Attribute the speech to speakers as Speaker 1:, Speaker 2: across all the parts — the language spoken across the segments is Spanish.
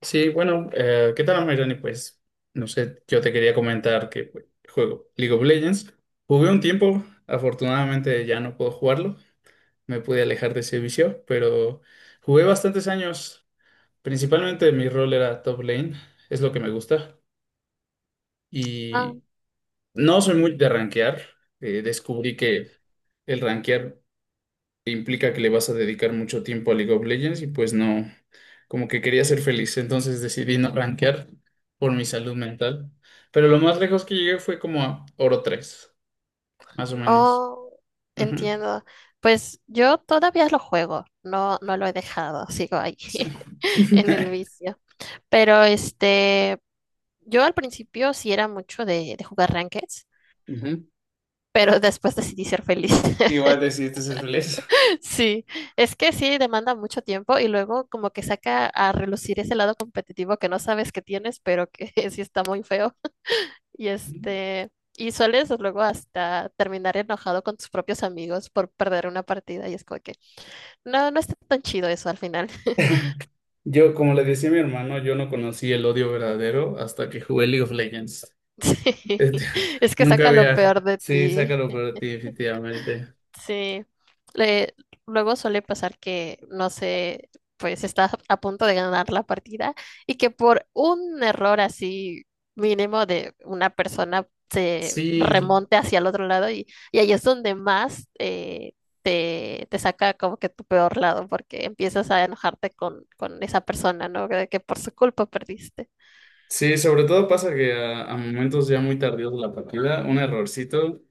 Speaker 1: Sí, bueno, ¿qué tal, Mayrani? No sé, yo te quería comentar que pues, juego League of Legends. Jugué un tiempo, afortunadamente ya no puedo jugarlo, me pude alejar de ese vicio, pero jugué bastantes años. Principalmente mi rol era top lane, es lo que me gusta.
Speaker 2: Ah,
Speaker 1: Y no soy muy de rankear, descubrí que el rankear implica que le vas a dedicar mucho tiempo a League of Legends y pues no, como que quería ser feliz, entonces decidí no rankear por mi salud mental. Pero lo más lejos que llegué fue como a oro tres más o menos.
Speaker 2: oh,
Speaker 1: Ujú,
Speaker 2: entiendo. Pues yo todavía lo juego, no lo he dejado, sigo ahí
Speaker 1: sí.
Speaker 2: en el vicio. Pero yo al principio sí era mucho de jugar rankeds,
Speaker 1: Ujú.
Speaker 2: pero después decidí ser feliz.
Speaker 1: Igual decidiste ser feliz.
Speaker 2: Sí, es que sí demanda mucho tiempo y luego como que saca a relucir ese lado competitivo que no sabes que tienes, pero que sí está muy feo. Y y sueles luego hasta terminar enojado con tus propios amigos por perder una partida y es como que no, no está tan chido eso al final.
Speaker 1: Yo, como le decía a mi hermano, yo no conocí el odio verdadero hasta que jugué League of Legends.
Speaker 2: Sí,
Speaker 1: Este,
Speaker 2: es que
Speaker 1: nunca
Speaker 2: saca lo
Speaker 1: había.
Speaker 2: peor de
Speaker 1: Sí,
Speaker 2: ti.
Speaker 1: sácalo para ti, definitivamente.
Speaker 2: Sí. Le- Luego suele pasar que, no sé, pues estás a punto de ganar la partida y que por un error así mínimo de una persona se
Speaker 1: Sí,
Speaker 2: remonte hacia el otro lado y ahí es donde más te saca como que tu peor lado porque empiezas a enojarte con esa persona, ¿no? De que por su culpa perdiste.
Speaker 1: sí, sobre todo pasa que a momentos ya muy tardíos de la partida, un errorcito,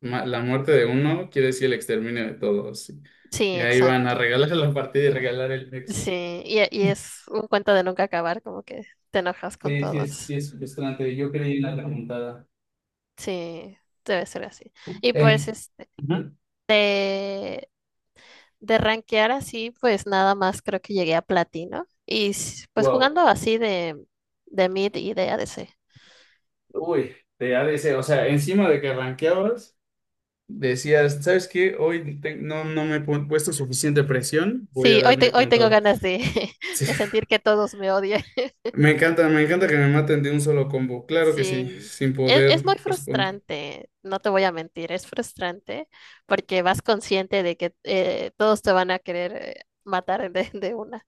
Speaker 1: la muerte de uno quiere decir el exterminio de todos. Sí.
Speaker 2: Sí,
Speaker 1: Y ahí van a
Speaker 2: exacto.
Speaker 1: regalar la partida y regalar el nexo.
Speaker 2: Sí, y es un cuento de nunca acabar, como que te enojas con
Speaker 1: Sí, sí
Speaker 2: todos.
Speaker 1: es frustrante. Yo creí en la remontada.
Speaker 2: Sí, debe ser así. Y pues
Speaker 1: En- Ujú.
Speaker 2: de rankear así, pues nada más creo que llegué a platino. Pues
Speaker 1: Wow.
Speaker 2: jugando así de mid y de ADC.
Speaker 1: Uy, de ADC. O sea, encima de que rankeabas, decías, ¿sabes qué? Hoy no, puesto suficiente presión, voy a
Speaker 2: Sí,
Speaker 1: darme
Speaker 2: hoy
Speaker 1: con
Speaker 2: tengo
Speaker 1: todo.
Speaker 2: ganas de, de sentir que todos me odian.
Speaker 1: Me encanta que me maten de un solo combo. Claro que sí,
Speaker 2: Sí,
Speaker 1: sin
Speaker 2: es muy
Speaker 1: poder responder.
Speaker 2: frustrante, no te voy a mentir, es frustrante porque vas consciente de que todos te van a querer matar de una.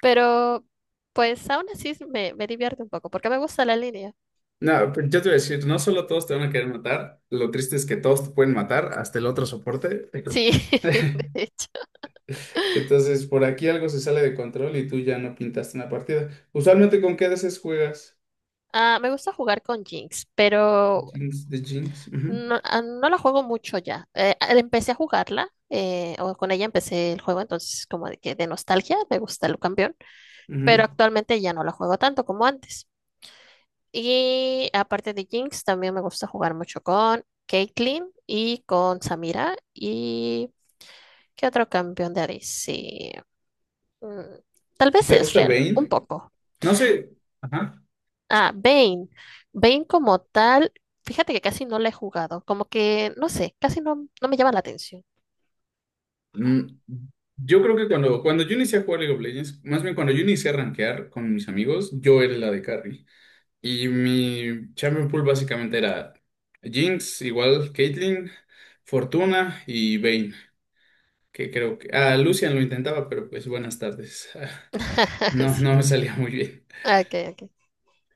Speaker 2: Pero pues aún así me divierte un poco porque me gusta la línea.
Speaker 1: No, pero yo te voy a decir, no solo todos te van a querer matar, lo triste es que todos te pueden matar, hasta el otro soporte.
Speaker 2: Sí, de hecho.
Speaker 1: Entonces, por aquí algo se sale de control y tú ya no pintaste una partida. Usualmente, ¿con qué veces juegas?
Speaker 2: Ah, me gusta jugar con Jinx, pero
Speaker 1: Jinx, de Jinx. Ujú,
Speaker 2: no, no la juego mucho ya. Empecé a jugarla, o con ella empecé el juego, entonces como de que de nostalgia me gusta el campeón, pero
Speaker 1: ujú.
Speaker 2: actualmente ya no la juego tanto como antes. Y aparte de Jinx, también me gusta jugar mucho con Caitlyn y con Samira y ¿qué otro campeón de ADC? Mm, Tal vez
Speaker 1: ¿Te
Speaker 2: es
Speaker 1: gusta
Speaker 2: real, un
Speaker 1: Vayne?
Speaker 2: poco.
Speaker 1: No sé. Ajá.
Speaker 2: Ah, Bane. Bane como tal, fíjate que casi no la he jugado. Como que, no sé, casi no, no me llama la atención.
Speaker 1: Mm, Yo creo que cuando yo inicié a jugar League of Legends, más bien cuando yo inicié a rankear con mis amigos, yo era la de carry. Y mi champion pool básicamente era Jinx, igual Caitlyn, Fortuna y Vayne, que creo que... Ah, Lucian lo intentaba, pero pues buenas tardes. No,
Speaker 2: Sí.
Speaker 1: no me salía muy bien.
Speaker 2: Ok, ok.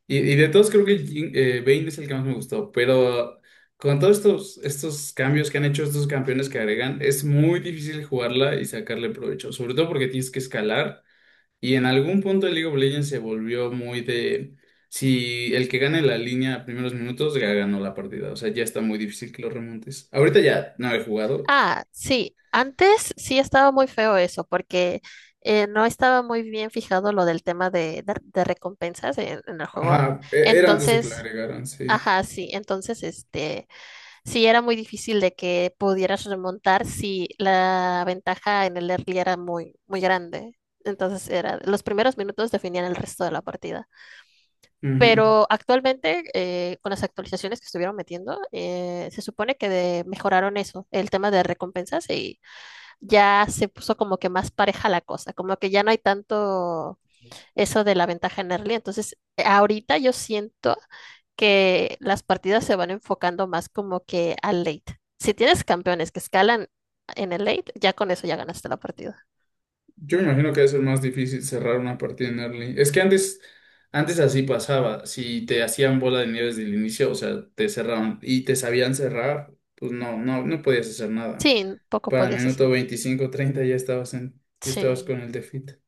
Speaker 1: Y de todos creo que Vayne es el que más me gustó, pero con todos estos cambios que han hecho estos campeones que agregan, es muy difícil jugarla y sacarle provecho, sobre todo porque tienes que escalar. Y en algún punto el League of Legends se volvió muy de si el que gane la línea a primeros minutos ya ganó la partida. O sea, ya está muy difícil que lo remontes. Ahorita ya no he jugado.
Speaker 2: Ah, sí, antes sí estaba muy feo eso, porque no estaba muy bien fijado lo del tema de recompensas en el juego.
Speaker 1: Ajá, era antes de que la
Speaker 2: Entonces,
Speaker 1: agregaran, sí.
Speaker 2: ajá, sí, entonces sí era muy difícil de que pudieras remontar si la ventaja en el early era muy grande. Entonces era, los primeros minutos definían el resto de la partida.
Speaker 1: Ujú.
Speaker 2: Pero actualmente, con las actualizaciones que estuvieron metiendo, se supone que mejoraron eso, el tema de recompensas y ya se puso como que más pareja la cosa, como que ya no hay tanto eso de la ventaja en early. Entonces, ahorita yo siento que las partidas se van enfocando más como que al late. Si tienes campeones que escalan en el late, ya con eso ya ganaste la partida.
Speaker 1: Yo me imagino que debe ser más difícil cerrar una partida en early. Es que antes, antes así pasaba. Si te hacían bola de nieve desde el inicio, o sea, te cerraban y te sabían cerrar, pues no, no podías hacer nada.
Speaker 2: Sí, poco
Speaker 1: Para el
Speaker 2: podías hacer.
Speaker 1: minuto 25 30 ya estabas en, ya estabas
Speaker 2: Sí,
Speaker 1: con el defeat.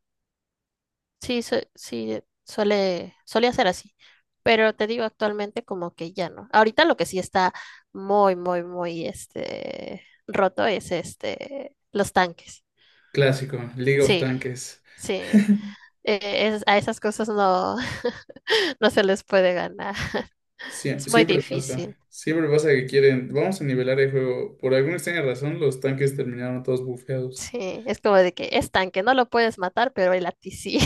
Speaker 2: sí, solía ser así. Pero te digo, actualmente como que ya no. Ahorita lo que sí está muy roto es los tanques.
Speaker 1: Clásico, League of
Speaker 2: Sí,
Speaker 1: Tanques.
Speaker 2: sí. A esas cosas no, no se les puede ganar. Es muy
Speaker 1: Siempre
Speaker 2: difícil.
Speaker 1: pasa. Siempre pasa que quieren. Vamos a nivelar el juego. Por alguna extraña razón, los tanques terminaron todos bufeados.
Speaker 2: Sí, es como de que es tanque, no lo puedes matar, pero el a ti sí.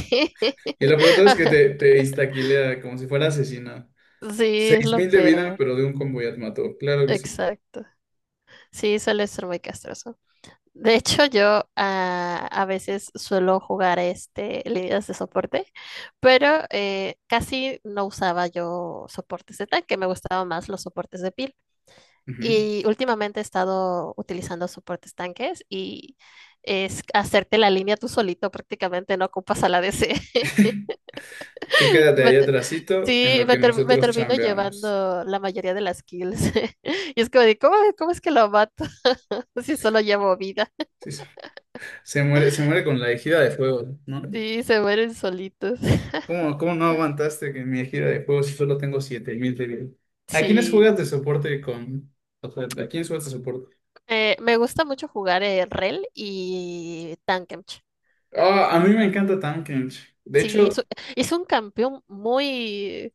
Speaker 1: Y la pelota es que te instaquilea como si fuera asesina.
Speaker 2: Sí, es lo
Speaker 1: Mil de vida,
Speaker 2: peor.
Speaker 1: pero de un combo ya te mató. Claro que sí.
Speaker 2: Exacto. Sí, suele ser muy castroso. De hecho, yo a veces suelo jugar este líneas de soporte, pero casi no usaba yo soportes de tanque, me gustaban más los soportes de pila.
Speaker 1: Ujú.
Speaker 2: Y últimamente he estado utilizando soportes tanques y es hacerte la línea tú solito, prácticamente no ocupas a la DC.
Speaker 1: Tú
Speaker 2: Y
Speaker 1: quédate
Speaker 2: me
Speaker 1: ahí
Speaker 2: te-
Speaker 1: atrasito en
Speaker 2: sí,
Speaker 1: lo
Speaker 2: me,
Speaker 1: que
Speaker 2: ter- Me
Speaker 1: nosotros
Speaker 2: termino
Speaker 1: chambeamos.
Speaker 2: llevando la mayoría de las kills. Y es como de, ¿cómo es que lo mato? Si solo llevo vida.
Speaker 1: Sí, se se muere, se muere con la ejida de fuego, ¿no?
Speaker 2: Sí, se mueren solitos.
Speaker 1: ¿Cómo, cómo no aguantaste que en mi gira de juegos si solo tengo 7000 de vida? ¿A quiénes juegas
Speaker 2: Sí.
Speaker 1: de soporte con...? O sea, ¿a quiénes juegas de soporte?
Speaker 2: Me gusta mucho jugar el REL y Tankemch.
Speaker 1: Ah, a mí me encanta Tankens. De
Speaker 2: Sí,
Speaker 1: hecho,
Speaker 2: es un campeón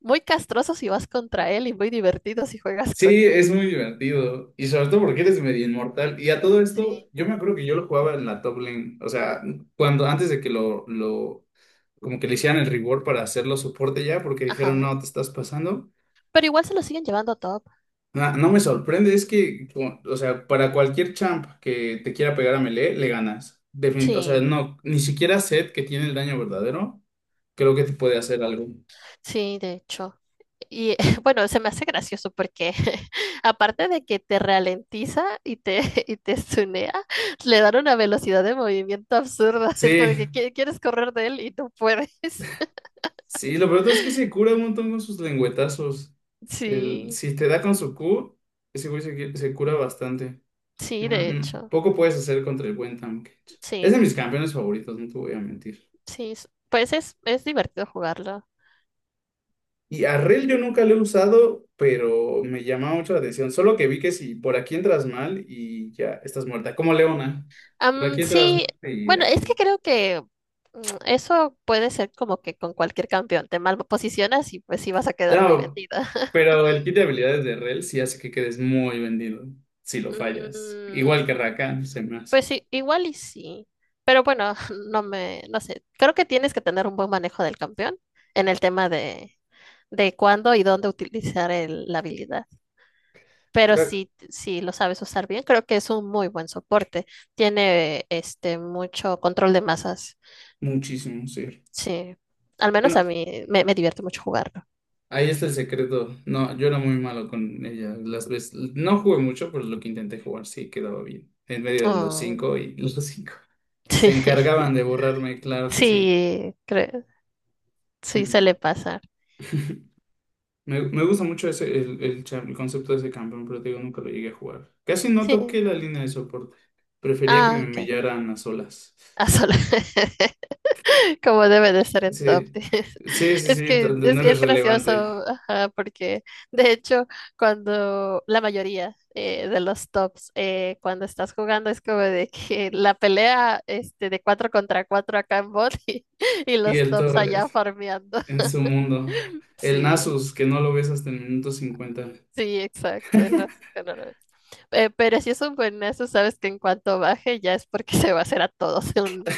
Speaker 2: muy castroso si vas contra él y muy divertido si juegas con
Speaker 1: sí,
Speaker 2: él.
Speaker 1: es muy divertido. Y sobre todo porque eres medio inmortal. Y a todo esto,
Speaker 2: Sí.
Speaker 1: yo me acuerdo que yo lo jugaba en la top lane. O sea, cuando antes de que lo como que le hicieran el reward para hacerlo soporte ya, porque dijeron,
Speaker 2: Ajá.
Speaker 1: no, te estás pasando.
Speaker 2: Pero igual se lo siguen llevando top.
Speaker 1: No me sorprende, es que, o sea, para cualquier champ que te quiera pegar a Melee, le ganas. O sea,
Speaker 2: Sí,
Speaker 1: no, ni siquiera Zed, que tiene el daño verdadero, creo que te puede hacer algo.
Speaker 2: sí, de hecho. Y bueno, se me hace gracioso porque aparte de que te ralentiza y te tunea, le dan una velocidad de movimiento absurda. Es como de
Speaker 1: Sí,
Speaker 2: que quieres correr de él y no puedes.
Speaker 1: sí, lo peor es que se cura un montón con sus lengüetazos. El,
Speaker 2: Sí,
Speaker 1: si te da con su Q, ese güey se cura bastante.
Speaker 2: sí,
Speaker 1: No,
Speaker 2: de
Speaker 1: no,
Speaker 2: hecho.
Speaker 1: poco puedes hacer contra el buen Tahm Kench. Es de
Speaker 2: Sí,
Speaker 1: mis campeones favoritos, no te voy a mentir.
Speaker 2: sí. Pues es divertido jugarlo.
Speaker 1: Y a Rel yo nunca lo he usado, pero me llama mucho la atención. Solo que vi que si por aquí entras mal y ya estás muerta, como Leona. Por
Speaker 2: Am,
Speaker 1: aquí entras
Speaker 2: sí,
Speaker 1: mal y
Speaker 2: bueno, es que
Speaker 1: adiós.
Speaker 2: creo que mm, eso puede ser como que con cualquier campeón te mal posicionas y pues sí vas a quedar muy
Speaker 1: No,
Speaker 2: vendida.
Speaker 1: pero el kit de habilidades de Rel sí hace que quedes muy vendido si lo fallas.
Speaker 2: Mm,
Speaker 1: Igual que Rakan, se me hace.
Speaker 2: pues sí, igual y sí. Pero bueno, no sé. Creo que tienes que tener un buen manejo del campeón en el tema de cuándo y dónde utilizar la habilidad. Pero
Speaker 1: Claro.
Speaker 2: si, si lo sabes usar bien, creo que es un muy buen soporte. Tiene este mucho control de masas.
Speaker 1: Muchísimo, sí.
Speaker 2: Sí, al menos
Speaker 1: Bueno,
Speaker 2: a mí me divierte mucho jugarlo.
Speaker 1: ahí está el secreto. No, yo era muy malo con ella. Las veces, no jugué mucho, pero lo que intenté jugar sí quedaba bien. En medio de los
Speaker 2: Oh,
Speaker 1: cinco y los cinco.
Speaker 2: sí,
Speaker 1: Se encargaban de borrarme, claro que sí.
Speaker 2: sí, creo, sí suele
Speaker 1: Mm.
Speaker 2: pasar.
Speaker 1: Me gusta mucho ese, el cha- el concepto de ese campeón, pero te digo, nunca lo llegué a jugar. Casi no
Speaker 2: Sí,
Speaker 1: toqué la línea de soporte. Prefería que me
Speaker 2: ah, ok.
Speaker 1: humillaran a solas.
Speaker 2: Ah, solo. Como debe de ser en top.
Speaker 1: Sí,
Speaker 2: Diez.
Speaker 1: sí, sí,
Speaker 2: Es
Speaker 1: sí,
Speaker 2: que
Speaker 1: donde no eres
Speaker 2: es gracioso,
Speaker 1: relevante.
Speaker 2: ajá, porque de hecho, cuando la mayoría de los tops, cuando estás jugando, es como de que la pelea de 4 contra 4 acá en bot y
Speaker 1: Y
Speaker 2: los
Speaker 1: el
Speaker 2: tops
Speaker 1: todo
Speaker 2: allá farmeando.
Speaker 1: en su mundo. El
Speaker 2: Sí.
Speaker 1: Nasus, que no lo ves hasta el minuto 50.
Speaker 2: Sí, exacto, el Francisco no. Pero si es un buenazo, sabes que en cuanto baje ya es porque se va a hacer a todos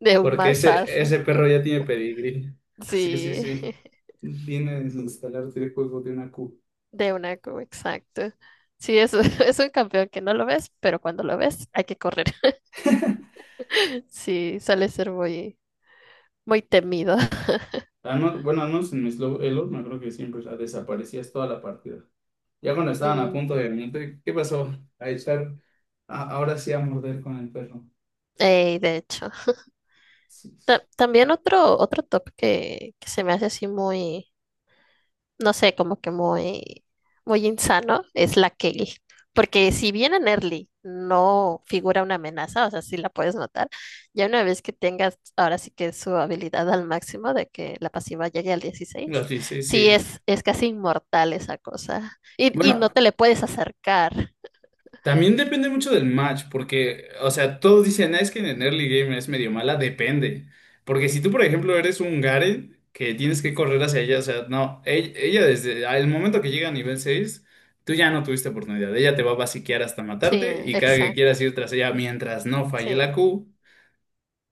Speaker 2: de un
Speaker 1: Porque
Speaker 2: mazazo.
Speaker 1: ese perro ya tiene pedigrí. Sí, sí,
Speaker 2: Sí,
Speaker 1: sí. Viene a desinstalarte el juego de una Q.
Speaker 2: exacto. Sí, es un campeón que no lo ves, pero cuando lo ves hay que correr. Sí, suele ser muy temido.
Speaker 1: Al bueno, al menos en mi slow elo, me acuerdo que siempre la desaparecías toda la partida. Ya cuando estaban a punto
Speaker 2: Mm,
Speaker 1: de venirte, ¿qué pasó? A echar, ahora sí a morder con el perro.
Speaker 2: ey, de hecho.
Speaker 1: Sí.
Speaker 2: También otro top que se me hace así muy no sé, como que muy insano, es la Kelly. Porque si bien en early no figura una amenaza, o sea, sí la puedes notar, ya una vez que tengas ahora sí que su habilidad al máximo de que la pasiva llegue al 16
Speaker 1: Los 16, sí.
Speaker 2: sí es casi inmortal esa cosa. Y
Speaker 1: Bueno,
Speaker 2: no te le puedes acercar.
Speaker 1: también depende mucho del match, porque, o sea, todos dicen, "Ah, es que en el early game es medio mala, depende. Porque si tú, por ejemplo, eres un Garen que tienes que correr hacia ella, o sea, no, ella desde el momento que llega a nivel 6 tú ya no tuviste oportunidad. Ella te va a basiquear hasta
Speaker 2: Sí,
Speaker 1: matarte y cada que
Speaker 2: exacto.
Speaker 1: quieras ir tras ella mientras no falle la
Speaker 2: Sí,
Speaker 1: Q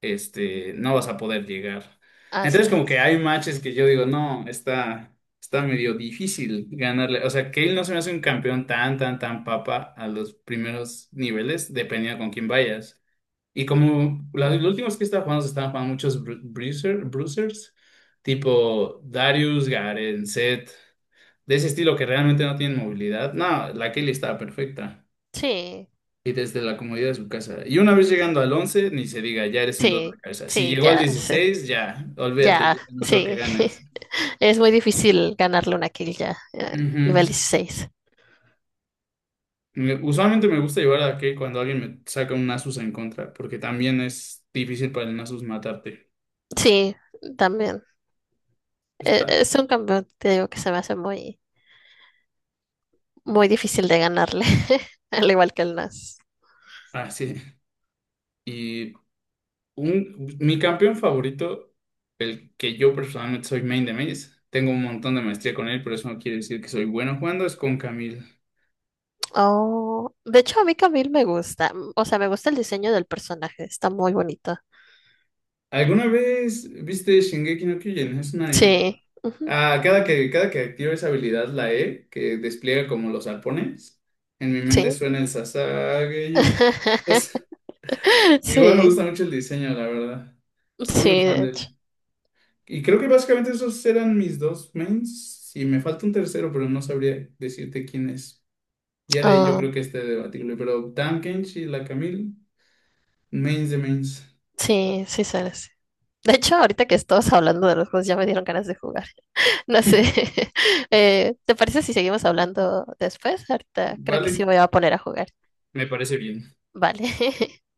Speaker 1: no vas a poder llegar.
Speaker 2: así
Speaker 1: Entonces, como que
Speaker 2: es.
Speaker 1: hay matches que yo digo, no, está medio difícil ganarle. O sea, Cale no se me hace un campeón tan, tan, tan papa a los primeros niveles, dependiendo con quién vayas. Y como últimos que estaba jugando se estaban jugando muchos bruisers, tipo Darius, Garen, Zed, de ese estilo que realmente no tienen movilidad. No, la Cale estaba perfecta.
Speaker 2: Sí,
Speaker 1: Y desde la comodidad de su casa. Y una vez llegando al 11 ni se diga, ya eres un dos de
Speaker 2: sí,
Speaker 1: cabeza. Si
Speaker 2: sí,
Speaker 1: llegó al
Speaker 2: ya, sí.
Speaker 1: 16 ya, olvídate, ya
Speaker 2: Ya,
Speaker 1: no creo que
Speaker 2: sí.
Speaker 1: ganes.
Speaker 2: Es muy difícil ganarle una kill ya, nivel
Speaker 1: Ujú.
Speaker 2: 16.
Speaker 1: Usualmente me gusta llevar a que cuando alguien me saca un Nasus en contra, porque también es difícil para el Nasus matarte.
Speaker 2: Sí, también.
Speaker 1: Está
Speaker 2: Es un campeón, te digo, que se me hace muy difícil de ganarle, al igual que el Nas.
Speaker 1: así. Y un, mi campeón favorito, el que yo personalmente soy main de mains, tengo un montón de maestría con él, pero eso no quiere decir que soy bueno jugando, es con Camille.
Speaker 2: Oh, de hecho, a mí Camille me gusta. O sea, me gusta el diseño del personaje, está muy bonito.
Speaker 1: ¿Alguna vez viste Shingeki no Kyojin? Es un anime.
Speaker 2: Sí, ujú,
Speaker 1: Ah, cada que activo esa habilidad, la E, que despliega como los arpones, en mi mente
Speaker 2: sí.
Speaker 1: suena el Sasageyo. Entonces, igual me
Speaker 2: Sí,
Speaker 1: gusta mucho el diseño, la verdad. Soy muy
Speaker 2: sí,
Speaker 1: fan
Speaker 2: de
Speaker 1: del...
Speaker 2: hecho.
Speaker 1: Y creo que básicamente esos eran mis dos mains. Y me falta un tercero, pero no sabría decirte quién es. Ya de ahí yo
Speaker 2: Ah,
Speaker 1: creo que este debatible. Pero Dan Kenshi y la Camille, mains de mains.
Speaker 2: sí, sí, sabes. De hecho, ahorita que estamos hablando de los juegos, ya me dieron ganas de jugar. No sé. ¿Te parece si seguimos hablando después? Ahorita creo que sí
Speaker 1: Vale,
Speaker 2: me voy a poner a jugar.
Speaker 1: me parece bien.
Speaker 2: Vale.